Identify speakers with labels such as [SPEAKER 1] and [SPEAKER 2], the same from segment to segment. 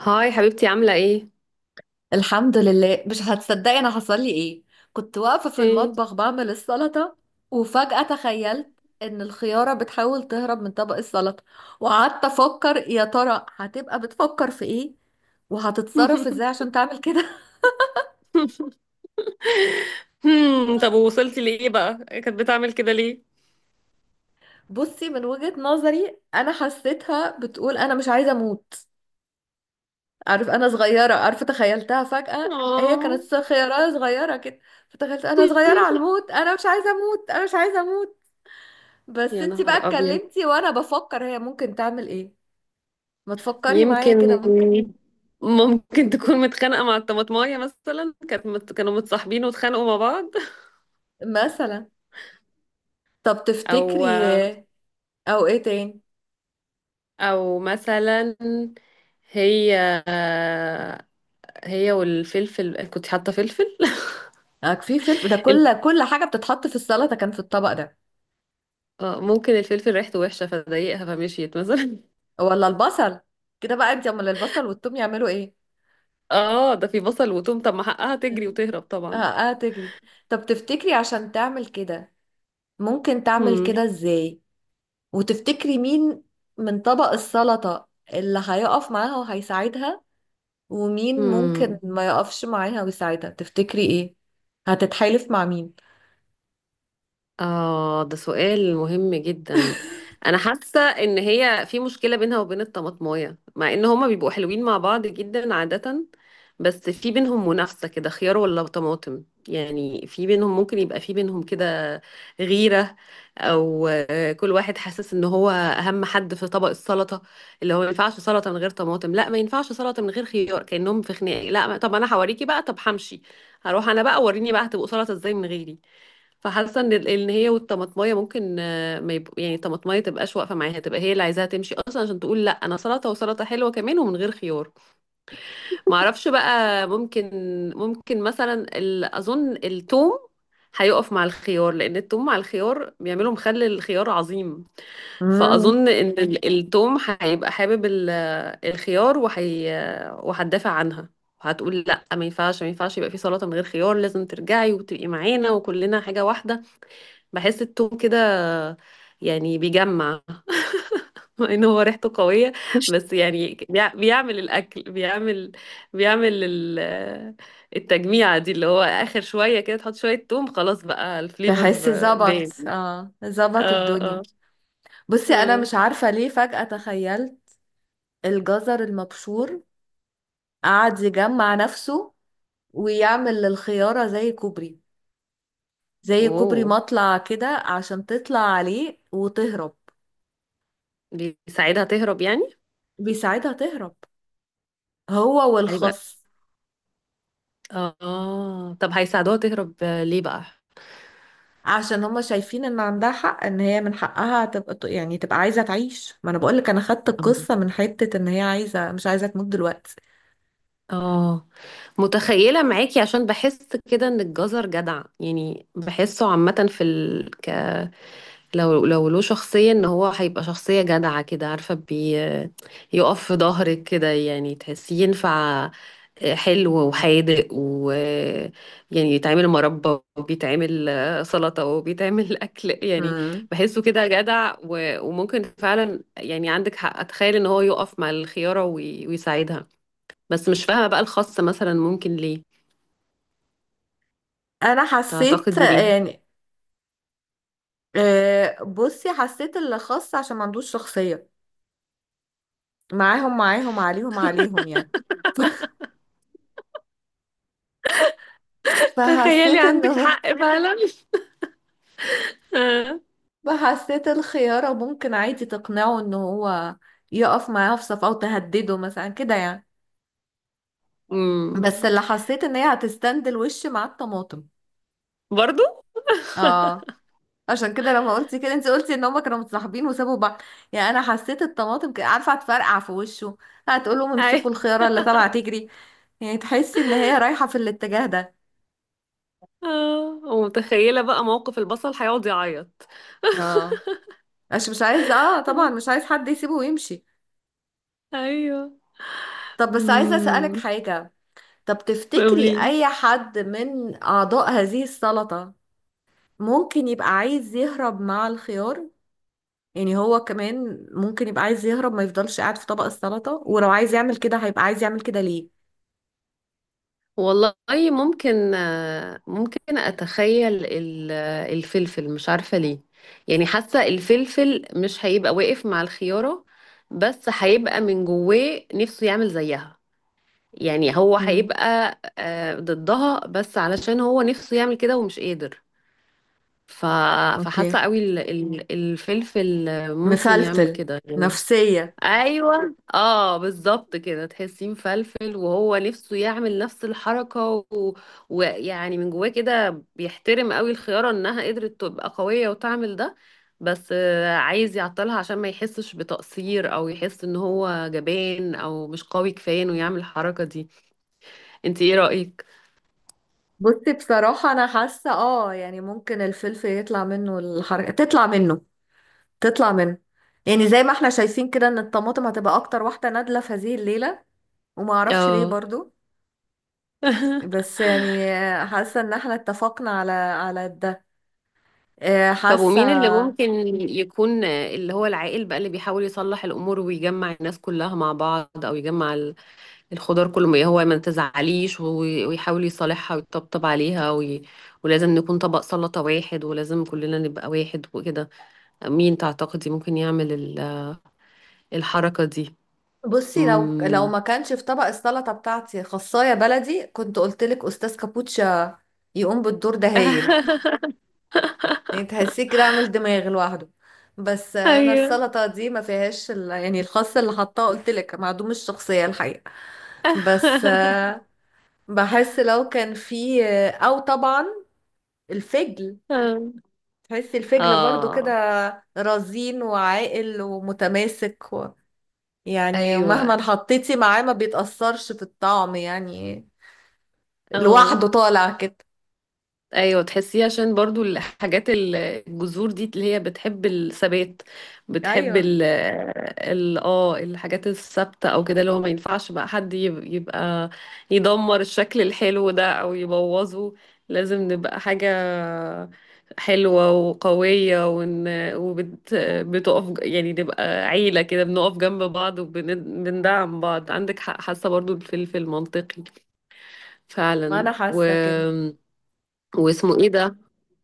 [SPEAKER 1] هاي حبيبتي عاملة ايه؟
[SPEAKER 2] الحمد لله، مش هتصدقي انا حصل لي ايه. كنت واقفه في
[SPEAKER 1] ايه.
[SPEAKER 2] المطبخ بعمل السلطه، وفجاه تخيلت ان الخياره بتحاول تهرب من طبق السلطه. وقعدت افكر يا ترى هتبقى بتفكر في ايه، وهتتصرف ازاي عشان تعمل كده.
[SPEAKER 1] طب وصلتي لإيه بقى؟ كانت بتعمل كده ليه؟
[SPEAKER 2] بصي، من وجهه نظري انا حسيتها بتقول انا مش عايزه اموت. عارف انا صغيره، عارفه تخيلتها فجاه هي
[SPEAKER 1] اه.
[SPEAKER 2] كانت خياره صغيره كده. فتخيلت انا صغيره على الموت، انا مش عايزه اموت انا مش عايزه اموت. بس
[SPEAKER 1] يا
[SPEAKER 2] انتي بقى
[SPEAKER 1] نهار ابيض.
[SPEAKER 2] اتكلمتي وانا بفكر هي ممكن تعمل ايه. ما تفكري معايا كده
[SPEAKER 1] يمكن.
[SPEAKER 2] ممكن.
[SPEAKER 1] ممكن تكون متخانقة مع الطماطماية مثلا، كانوا متصاحبين واتخانقوا مع بعض.
[SPEAKER 2] مثلا. طب
[SPEAKER 1] او
[SPEAKER 2] تفتكري او ايه تاني.
[SPEAKER 1] او مثلا. هي هي والفلفل، كنت حاطة فلفل.
[SPEAKER 2] اه في فلفل، ده
[SPEAKER 1] ال-
[SPEAKER 2] كل حاجة بتتحط في السلطة كان في الطبق ده.
[SPEAKER 1] ممكن الفلفل ريحته وحشة فضايقها فمشيت مثلا.
[SPEAKER 2] ولا البصل. كده بقى انتي، امال البصل والثوم يعملوا ايه؟
[SPEAKER 1] اه، ده في بصل وتوم، طب ما حقها تجري
[SPEAKER 2] مم.
[SPEAKER 1] وتهرب
[SPEAKER 2] اه،
[SPEAKER 1] طبعا.
[SPEAKER 2] اه، تجري. طب تفتكري عشان تعمل كده ممكن تعمل
[SPEAKER 1] امم.
[SPEAKER 2] كده ازاي؟ وتفتكري مين من طبق السلطة اللي هيقف معاها وهيساعدها، ومين ممكن
[SPEAKER 1] امم.
[SPEAKER 2] ما يقفش معاها ويساعدها تفتكري ايه؟ هتتحالف مع مين؟
[SPEAKER 1] اه، ده سؤال مهم جدا. انا حاسه ان هي في مشكله بينها وبين الطماطمايه، مع ان هما بيبقوا حلوين مع بعض جدا عاده. بس في بينهم منافسة كده، خيار ولا طماطم. يعني في بينهم ممكن يبقى في بينهم كده غيرة. أو كل واحد حاسس إن هو أهم حد في طبق السلطة، اللي هو ما ينفعش سلطة من غير طماطم، لا ما ينفعش سلطة من غير خيار، كأنهم في خناقة. لا، طب أنا هوريكي بقى، طب همشي. هروح أنا بقى، وريني بقى هتبقوا سلطة إزاي من غيري. فحاسة إن إن هي والطماطماية ممكن ما يبقوا، يعني الطماطماية تبقاش واقفة معاها، تبقى هي اللي عايزاها تمشي أصلا عشان تقول لا أنا سلطة وسلطة حلوة كمان ومن غير خيار. ما اعرفش بقى، ممكن. ممكن مثلا اظن التوم هيقف مع الخيار، لان التوم مع الخيار بيعملوا مخلل الخيار عظيم.
[SPEAKER 2] مم.
[SPEAKER 1] فاظن ان التوم هيبقى حابب الخيار، وهتدافع عنها، وهتقول لا ما ينفعش، ما ينفعش يبقى في سلطة من غير خيار، لازم ترجعي وتبقي معانا وكلنا حاجة واحدة. بحس التوم كده يعني بيجمع. ان هو ريحته قوية، بس يعني بيعمل الاكل، بيعمل التجميعة دي، اللي هو اخر شوية كده تحط شوية توم خلاص بقى الفليفر.
[SPEAKER 2] بحس ظبط،
[SPEAKER 1] باين.
[SPEAKER 2] اه ظبط
[SPEAKER 1] اه، اه،
[SPEAKER 2] الدنيا. بصي انا
[SPEAKER 1] اه.
[SPEAKER 2] مش عارفه ليه فجأة تخيلت الجزر المبشور قعد يجمع نفسه ويعمل للخياره زي كوبري، زي كوبري
[SPEAKER 1] اوه.
[SPEAKER 2] مطلع كده عشان تطلع عليه وتهرب.
[SPEAKER 1] بيساعدها تهرب يعني.
[SPEAKER 2] بيساعدها تهرب هو
[SPEAKER 1] هيبقى،
[SPEAKER 2] والخس،
[SPEAKER 1] اه، طب هيساعدوها تهرب ليه بقى؟
[SPEAKER 2] عشان هما شايفين ان عندها حق، ان هي من حقها تبقى، يعني تبقى عايزة تعيش. ما انا بقولك انا خدت القصة من حتة ان هي عايزة مش عايزة تموت دلوقتي.
[SPEAKER 1] اه، متخيلة معاكي، عشان بحس كده ان الجزر جدع. يعني بحسه عامة لو له شخصية، ان هو هيبقى شخصية جدعة كده عارفة بي، يقف في ظهرك كده، يعني تحسيه ينفع حلو وحادق، و يعني يتعمل مربى وبيتعمل سلطة وبيتعمل أكل يعني.
[SPEAKER 2] مم.
[SPEAKER 1] بحسه كده جدع وممكن فعلا، يعني عندك حق، أتخيل إن هو يقف مع الخيارة ويساعدها. بس مش فاهمة بقى الخاصة مثلا ممكن ليه.
[SPEAKER 2] انا حسيت
[SPEAKER 1] تعتقدي ليه؟
[SPEAKER 2] يعني، بصي حسيت اللي خاص عشان ما عندوش شخصية معاهم عليهم يعني.
[SPEAKER 1] تخيلي
[SPEAKER 2] فحسيت
[SPEAKER 1] عندك
[SPEAKER 2] انه،
[SPEAKER 1] حق فعلا.
[SPEAKER 2] فحسيت الخيارة ممكن عادي تقنعه ان هو يقف معاها في صف، او تهدده مثلا كده يعني.
[SPEAKER 1] امم.
[SPEAKER 2] بس اللي حسيت ان هي هتستند الوش مع الطماطم.
[SPEAKER 1] برضو؟
[SPEAKER 2] اه. عشان كده لما قلتي كده انت قلتي ان هما كانوا متصاحبين وسابوا بعض. يعني انا حسيت الطماطم عارفه هتفرقع في وشه، هتقول لهم امسكوا الخياره اللي طالعه تجري. يعني تحسي ان هي رايحه في الاتجاه ده.
[SPEAKER 1] اه، ومتخيلة بقى موقف البصل هيقعد يعيط.
[SPEAKER 2] اه، عشان مش عايز، اه طبعا مش عايز حد يسيبه ويمشي.
[SPEAKER 1] ايوه.
[SPEAKER 2] طب بس عايزه اسالك
[SPEAKER 1] امم.
[SPEAKER 2] حاجه. طب تفتكري
[SPEAKER 1] قولي.
[SPEAKER 2] اي حد من اعضاء هذه السلطه ممكن يبقى عايز يهرب مع الخيار؟ يعني هو كمان ممكن يبقى عايز يهرب، ما يفضلش قاعد في طبق السلطه، ولو عايز يعمل كده هيبقى عايز يعمل كده ليه؟
[SPEAKER 1] والله ممكن ممكن اتخيل الفلفل، مش عارفة ليه. يعني حاسة الفلفل مش هيبقى واقف مع الخيارة، بس هيبقى من جواه نفسه يعمل زيها. يعني هو هيبقى ضدها، بس علشان هو نفسه يعمل كده ومش قادر. ف...
[SPEAKER 2] اوكي.
[SPEAKER 1] فحاسة قوي الفلفل ممكن يعمل
[SPEAKER 2] مفلفل
[SPEAKER 1] كده.
[SPEAKER 2] نفسية.
[SPEAKER 1] ايوه، اه، بالظبط كده، تحسيه مفلفل وهو نفسه يعمل نفس الحركه ويعني من جواه كده بيحترم قوي الخياره انها قدرت تبقى قويه وتعمل ده. بس عايز يعطلها، عشان ما يحسش بتقصير او يحس ان هو جبان او مش قوي كفايه انه يعمل الحركه دي. انت ايه رايك؟
[SPEAKER 2] بصي بصراحة أنا حاسة اه يعني ممكن الفلفل يطلع منه الحركة، تطلع منه تطلع منه. يعني زي ما احنا شايفين كده ان الطماطم هتبقى أكتر واحدة نادلة في هذه الليلة، وما أعرفش ليه
[SPEAKER 1] اه.
[SPEAKER 2] برضو. بس يعني حاسة ان احنا اتفقنا على ده،
[SPEAKER 1] طب
[SPEAKER 2] حاسة.
[SPEAKER 1] ومين اللي ممكن يكون اللي هو العاقل بقى، اللي بيحاول يصلح الأمور ويجمع الناس كلها مع بعض، أو يجمع الخضار كله، هو ما تزعليش ويحاول يصالحها ويطبطب عليها ولازم نكون طبق سلطة واحد، ولازم كلنا نبقى واحد وكده. مين تعتقدي ممكن يعمل الحركة دي؟
[SPEAKER 2] بصي لو
[SPEAKER 1] مم.
[SPEAKER 2] ما كانش في طبق السلطة بتاعتي خصاية بلدي كنت قلتلك أستاذ كابوتشا يقوم بالدور ده هايل. يعني تحسيه كده عامل دماغ لوحده. بس انا
[SPEAKER 1] ايوه.
[SPEAKER 2] السلطه دي ما فيهاش يعني الخس اللي حطاه قلت لك معدوم الشخصيه الحقيقه. بس بحس لو كان فيه، او طبعا الفجل. تحسي الفجل برضو
[SPEAKER 1] اه.
[SPEAKER 2] كده رزين وعاقل ومتماسك. و... يعني
[SPEAKER 1] ايوه.
[SPEAKER 2] مهما حطيتي معاه ما بيتأثرش في الطعم يعني،
[SPEAKER 1] اه.
[SPEAKER 2] لوحده طالع كده.
[SPEAKER 1] ايوه، تحسيه عشان برضو الحاجات الجذور دي اللي هي بتحب الثبات، بتحب
[SPEAKER 2] ايوه،
[SPEAKER 1] الحاجات الثابته، او كده اللي هو ما ينفعش بقى حد يبقى يدمر الشكل الحلو ده او يبوظه. لازم نبقى حاجه حلوه وقويه، ون وبت بتقف يعني نبقى عيله كده، بنقف جنب بعض وبندعم بعض، عندك حق، حاسه برضو في المنطقي
[SPEAKER 2] ما
[SPEAKER 1] فعلا
[SPEAKER 2] انا حاسه كده.
[SPEAKER 1] واسمه ايه ده؟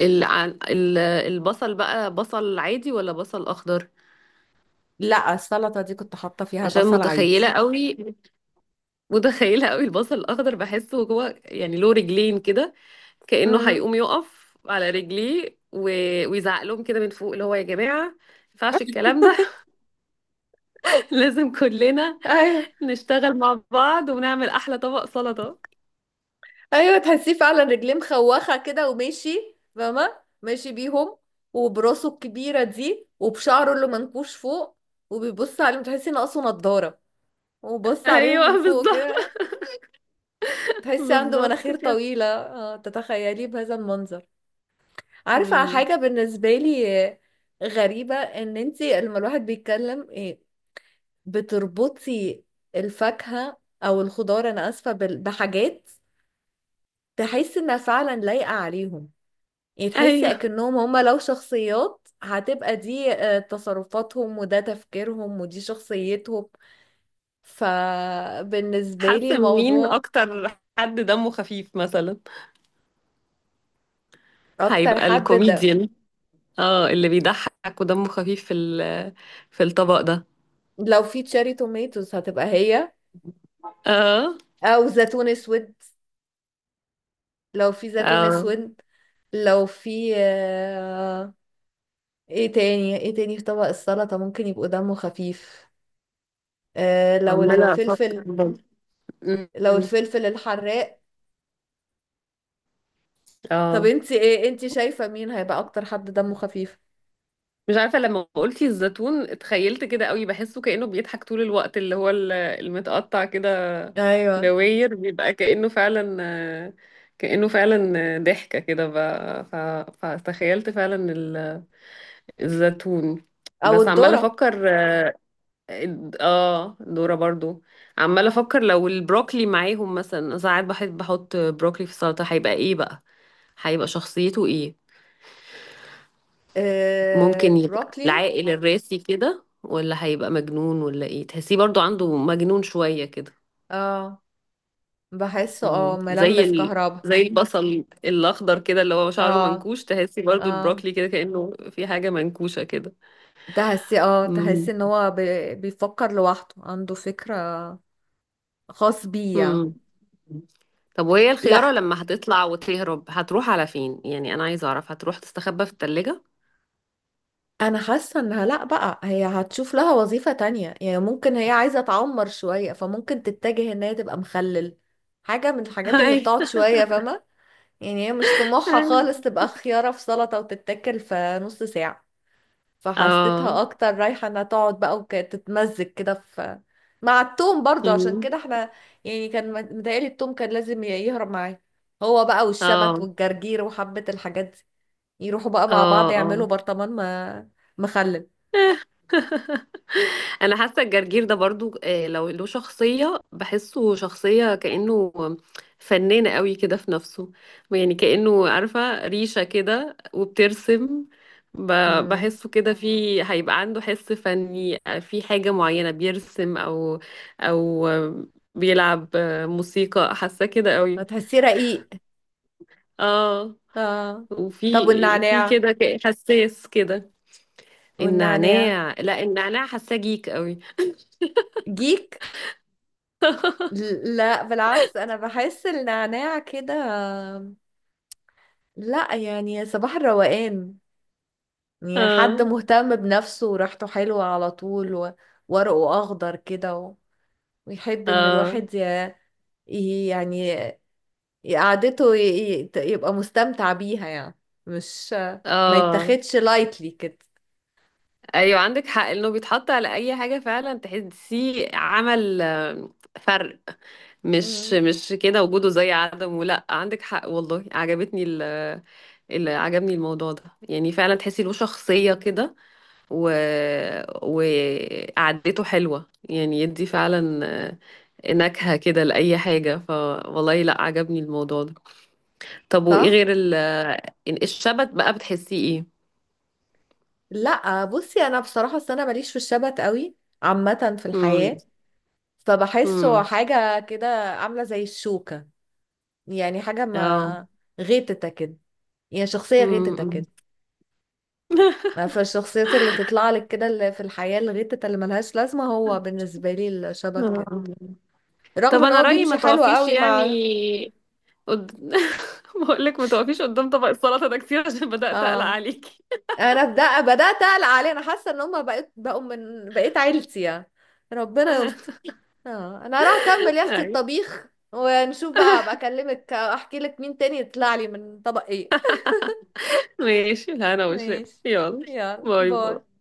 [SPEAKER 1] البصل بقى، بصل عادي ولا بصل اخضر؟
[SPEAKER 2] لا السلطه دي كنت حاطه فيها
[SPEAKER 1] عشان
[SPEAKER 2] بصل عادي.
[SPEAKER 1] متخيله قوي. متخيله قوي البصل الاخضر، بحسه هو يعني له رجلين كده، كانه
[SPEAKER 2] امم
[SPEAKER 1] هيقوم يقف على رجليه ويزعق لهم كده من فوق اللي هو يا جماعه ما ينفعش الكلام ده. لازم كلنا
[SPEAKER 2] ايوه،
[SPEAKER 1] نشتغل مع بعض ونعمل احلى طبق سلطه.
[SPEAKER 2] ايوه، تحسيه فعلا رجليه مخوخه كده وماشي فاهمه ماشي بيهم، وبراسه الكبيره دي وبشعره اللي منكوش فوق، وبيبص عليهم تحسي ناقصه نضاره وبص عليهم من
[SPEAKER 1] ايوه،
[SPEAKER 2] فوق
[SPEAKER 1] بالظبط.
[SPEAKER 2] كده. تحسي عنده
[SPEAKER 1] بالظبط
[SPEAKER 2] مناخير
[SPEAKER 1] كده.
[SPEAKER 2] طويله، تتخيليه بهذا المنظر. عارفه
[SPEAKER 1] مم.
[SPEAKER 2] حاجه بالنسبه لي، غريبه ان انتي لما الواحد بيتكلم بتربطي الفاكهه او الخضار، انا اسفه، بحاجات تحس انها فعلا لايقه عليهم. يعني تحسي
[SPEAKER 1] ايوه.
[SPEAKER 2] اكنهم هما لو شخصيات هتبقى دي تصرفاتهم وده تفكيرهم ودي شخصيتهم. فبالنسبة لي
[SPEAKER 1] حاسه مين
[SPEAKER 2] الموضوع.
[SPEAKER 1] اكتر حد دمه خفيف مثلا؟
[SPEAKER 2] اكتر
[SPEAKER 1] هيبقى
[SPEAKER 2] حد ده.
[SPEAKER 1] الكوميديان، اه، اللي بيضحك ودمه خفيف في في الطبق ده.
[SPEAKER 2] لو في تشيري توميتوز هتبقى هي،
[SPEAKER 1] اه،
[SPEAKER 2] او زيتون اسود. لو في زيتون
[SPEAKER 1] اه.
[SPEAKER 2] اسود. لو في ايه تاني في طبق السلطة ممكن يبقوا دمه خفيف، لو
[SPEAKER 1] عمالة افكر
[SPEAKER 2] الفلفل،
[SPEAKER 1] برضه.
[SPEAKER 2] لو
[SPEAKER 1] م.
[SPEAKER 2] الفلفل الحراق. طب
[SPEAKER 1] اه،
[SPEAKER 2] انتي ايه؟ انتي شايفة مين هيبقى اكتر حد دمه خفيف؟
[SPEAKER 1] مش عارفة، لما قلتي الزيتون اتخيلت كده قوي، بحسه كأنه بيضحك طول الوقت، اللي هو المتقطع كده
[SPEAKER 2] ايوه.
[SPEAKER 1] دواير، بيبقى كأنه فعلا ضحكة كده، فتخيلت فعلا الزيتون.
[SPEAKER 2] او
[SPEAKER 1] بس عمالة
[SPEAKER 2] الذرة.
[SPEAKER 1] افكر، اه، دورة برضو. عمالة افكر لو البروكلي معاهم، مثلا ساعات بحب احط بروكلي في السلطة، هيبقى ايه بقى؟ هيبقى شخصيته ايه؟
[SPEAKER 2] آه
[SPEAKER 1] ممكن يبقى
[SPEAKER 2] البروكلي.
[SPEAKER 1] العاقل الراسي كده، ولا هيبقى مجنون، ولا ايه؟ تحسيه برضو عنده مجنون شوية كده.
[SPEAKER 2] اه بحسه
[SPEAKER 1] زي
[SPEAKER 2] ملمس كهرباء.
[SPEAKER 1] زي البصل الاخضر كده اللي هو شعره
[SPEAKER 2] اه،
[SPEAKER 1] منكوش، تحسي برضو
[SPEAKER 2] اه.
[SPEAKER 1] البروكلي كده كأنه في حاجة منكوشة كده.
[SPEAKER 2] تحسي ان هو بيفكر لوحده عنده فكرة خاص بيه يعني.
[SPEAKER 1] مم. طب وهي الخيارة
[SPEAKER 2] لا،
[SPEAKER 1] لما هتطلع وتهرب هتروح على فين؟ يعني أنا عايزة أعرف، هتروح تستخبى في التلاجة؟
[SPEAKER 2] انا حاسة انها، لا بقى هي هتشوف لها وظيفة تانية. يعني ممكن هي عايزة تعمر شوية، فممكن تتجه ان هي تبقى مخلل، حاجة من الحاجات اللي بتقعد
[SPEAKER 1] أيوة.
[SPEAKER 2] شوية فاهمة. يعني هي مش طموحها خالص تبقى خيارة في سلطة وتتاكل في نص ساعة.
[SPEAKER 1] اه.
[SPEAKER 2] فحسيتها اكتر رايحة انها تقعد بقى، وكانت تتمزج كده في مع التوم برضه. عشان
[SPEAKER 1] مم.
[SPEAKER 2] كده احنا يعني كان متهيألي التوم كان لازم يهرب معاه هو بقى والشبت
[SPEAKER 1] اه،
[SPEAKER 2] والجرجير وحبة الحاجات دي، يروحوا بقى مع
[SPEAKER 1] اه،
[SPEAKER 2] بعض يعملوا
[SPEAKER 1] اه.
[SPEAKER 2] برطمان ما، مخلل.
[SPEAKER 1] انا حاسه الجرجير ده برضو لو له شخصيه بحسه شخصيه كانه فنان قوي كده في نفسه، يعني كانه عارفه ريشه كده وبترسم،
[SPEAKER 2] امم
[SPEAKER 1] بحسه كده في، هيبقى عنده حس فني في حاجه معينه بيرسم، او بيلعب موسيقى، حاسه كده قوي.
[SPEAKER 2] هتحسيه رقيق،
[SPEAKER 1] اه،
[SPEAKER 2] اه. طب
[SPEAKER 1] وفي
[SPEAKER 2] والنعناع،
[SPEAKER 1] كده حساس كده.
[SPEAKER 2] والنعناع
[SPEAKER 1] النعناع لا، النعناع حاساه جيك قوي.
[SPEAKER 2] جيك؟ لا بالعكس انا بحس النعناع كده، لا يعني صباح الروقان. يعني حد
[SPEAKER 1] اه،
[SPEAKER 2] مهتم بنفسه وريحته حلوة على طول، و- وورقه أخضر كده، و- ويحب إن
[SPEAKER 1] اه،
[SPEAKER 2] الواحد يعني قعدته يبقى مستمتع بيها يعني. مش ما
[SPEAKER 1] اه.
[SPEAKER 2] يتاخدش لايتلي كده.
[SPEAKER 1] ايوه، عندك حق انه بيتحط على اي حاجه فعلا تحسيه عمل فرق. مش
[SPEAKER 2] مم.
[SPEAKER 1] مش كده، وجوده زي عدمه، لا، عندك حق والله، عجبتني اللي عجبني الموضوع ده، يعني فعلا تحسي له شخصيه كده و... وقعدته حلوه، يعني يدي فعلا نكهه كده لاي حاجه، فوالله لا عجبني الموضوع ده. طب وايه
[SPEAKER 2] صح؟
[SPEAKER 1] غير الشبت بقى، بتحسيه ايه؟
[SPEAKER 2] لا، بصي أنا بصراحة أصل أنا ماليش في الشبت قوي عامة في الحياة. فبحسه
[SPEAKER 1] امم.
[SPEAKER 2] حاجة كده عاملة زي الشوكة، يعني حاجة
[SPEAKER 1] اه.
[SPEAKER 2] ما غيتتك كده، يعني شخصية غيتتك
[SPEAKER 1] امم.
[SPEAKER 2] كده. فالشخصيات اللي تطلع لك كده اللي في الحياة الغتة اللي ملهاش لازمة هو بالنسبة لي الشبت كده،
[SPEAKER 1] آه.
[SPEAKER 2] رغم
[SPEAKER 1] طب
[SPEAKER 2] ان
[SPEAKER 1] انا
[SPEAKER 2] هو
[SPEAKER 1] رأيي ما
[SPEAKER 2] بيمشي حلو
[SPEAKER 1] تقفيش
[SPEAKER 2] قوي
[SPEAKER 1] يعني
[SPEAKER 2] مع.
[SPEAKER 1] قد... بقول لك ما تقفيش قدام طبق السلطة ده كتير، عشان بدأت أقلق
[SPEAKER 2] اه
[SPEAKER 1] عليكي.
[SPEAKER 2] انا بدأت اقلق عليه، انا حاسة ان هما بقوا من عيلتي يعني. ربنا يستر. اه انا هروح اكمل يا اختي
[SPEAKER 1] ايوه
[SPEAKER 2] الطبيخ، ونشوف بقى ابقى اكلمك احكي لك مين تاني يطلع لي من طبق ايه.
[SPEAKER 1] ماشي، لا انا وشايف،
[SPEAKER 2] ماشي.
[SPEAKER 1] يلا.
[SPEAKER 2] يلا
[SPEAKER 1] باي
[SPEAKER 2] باي.
[SPEAKER 1] باي.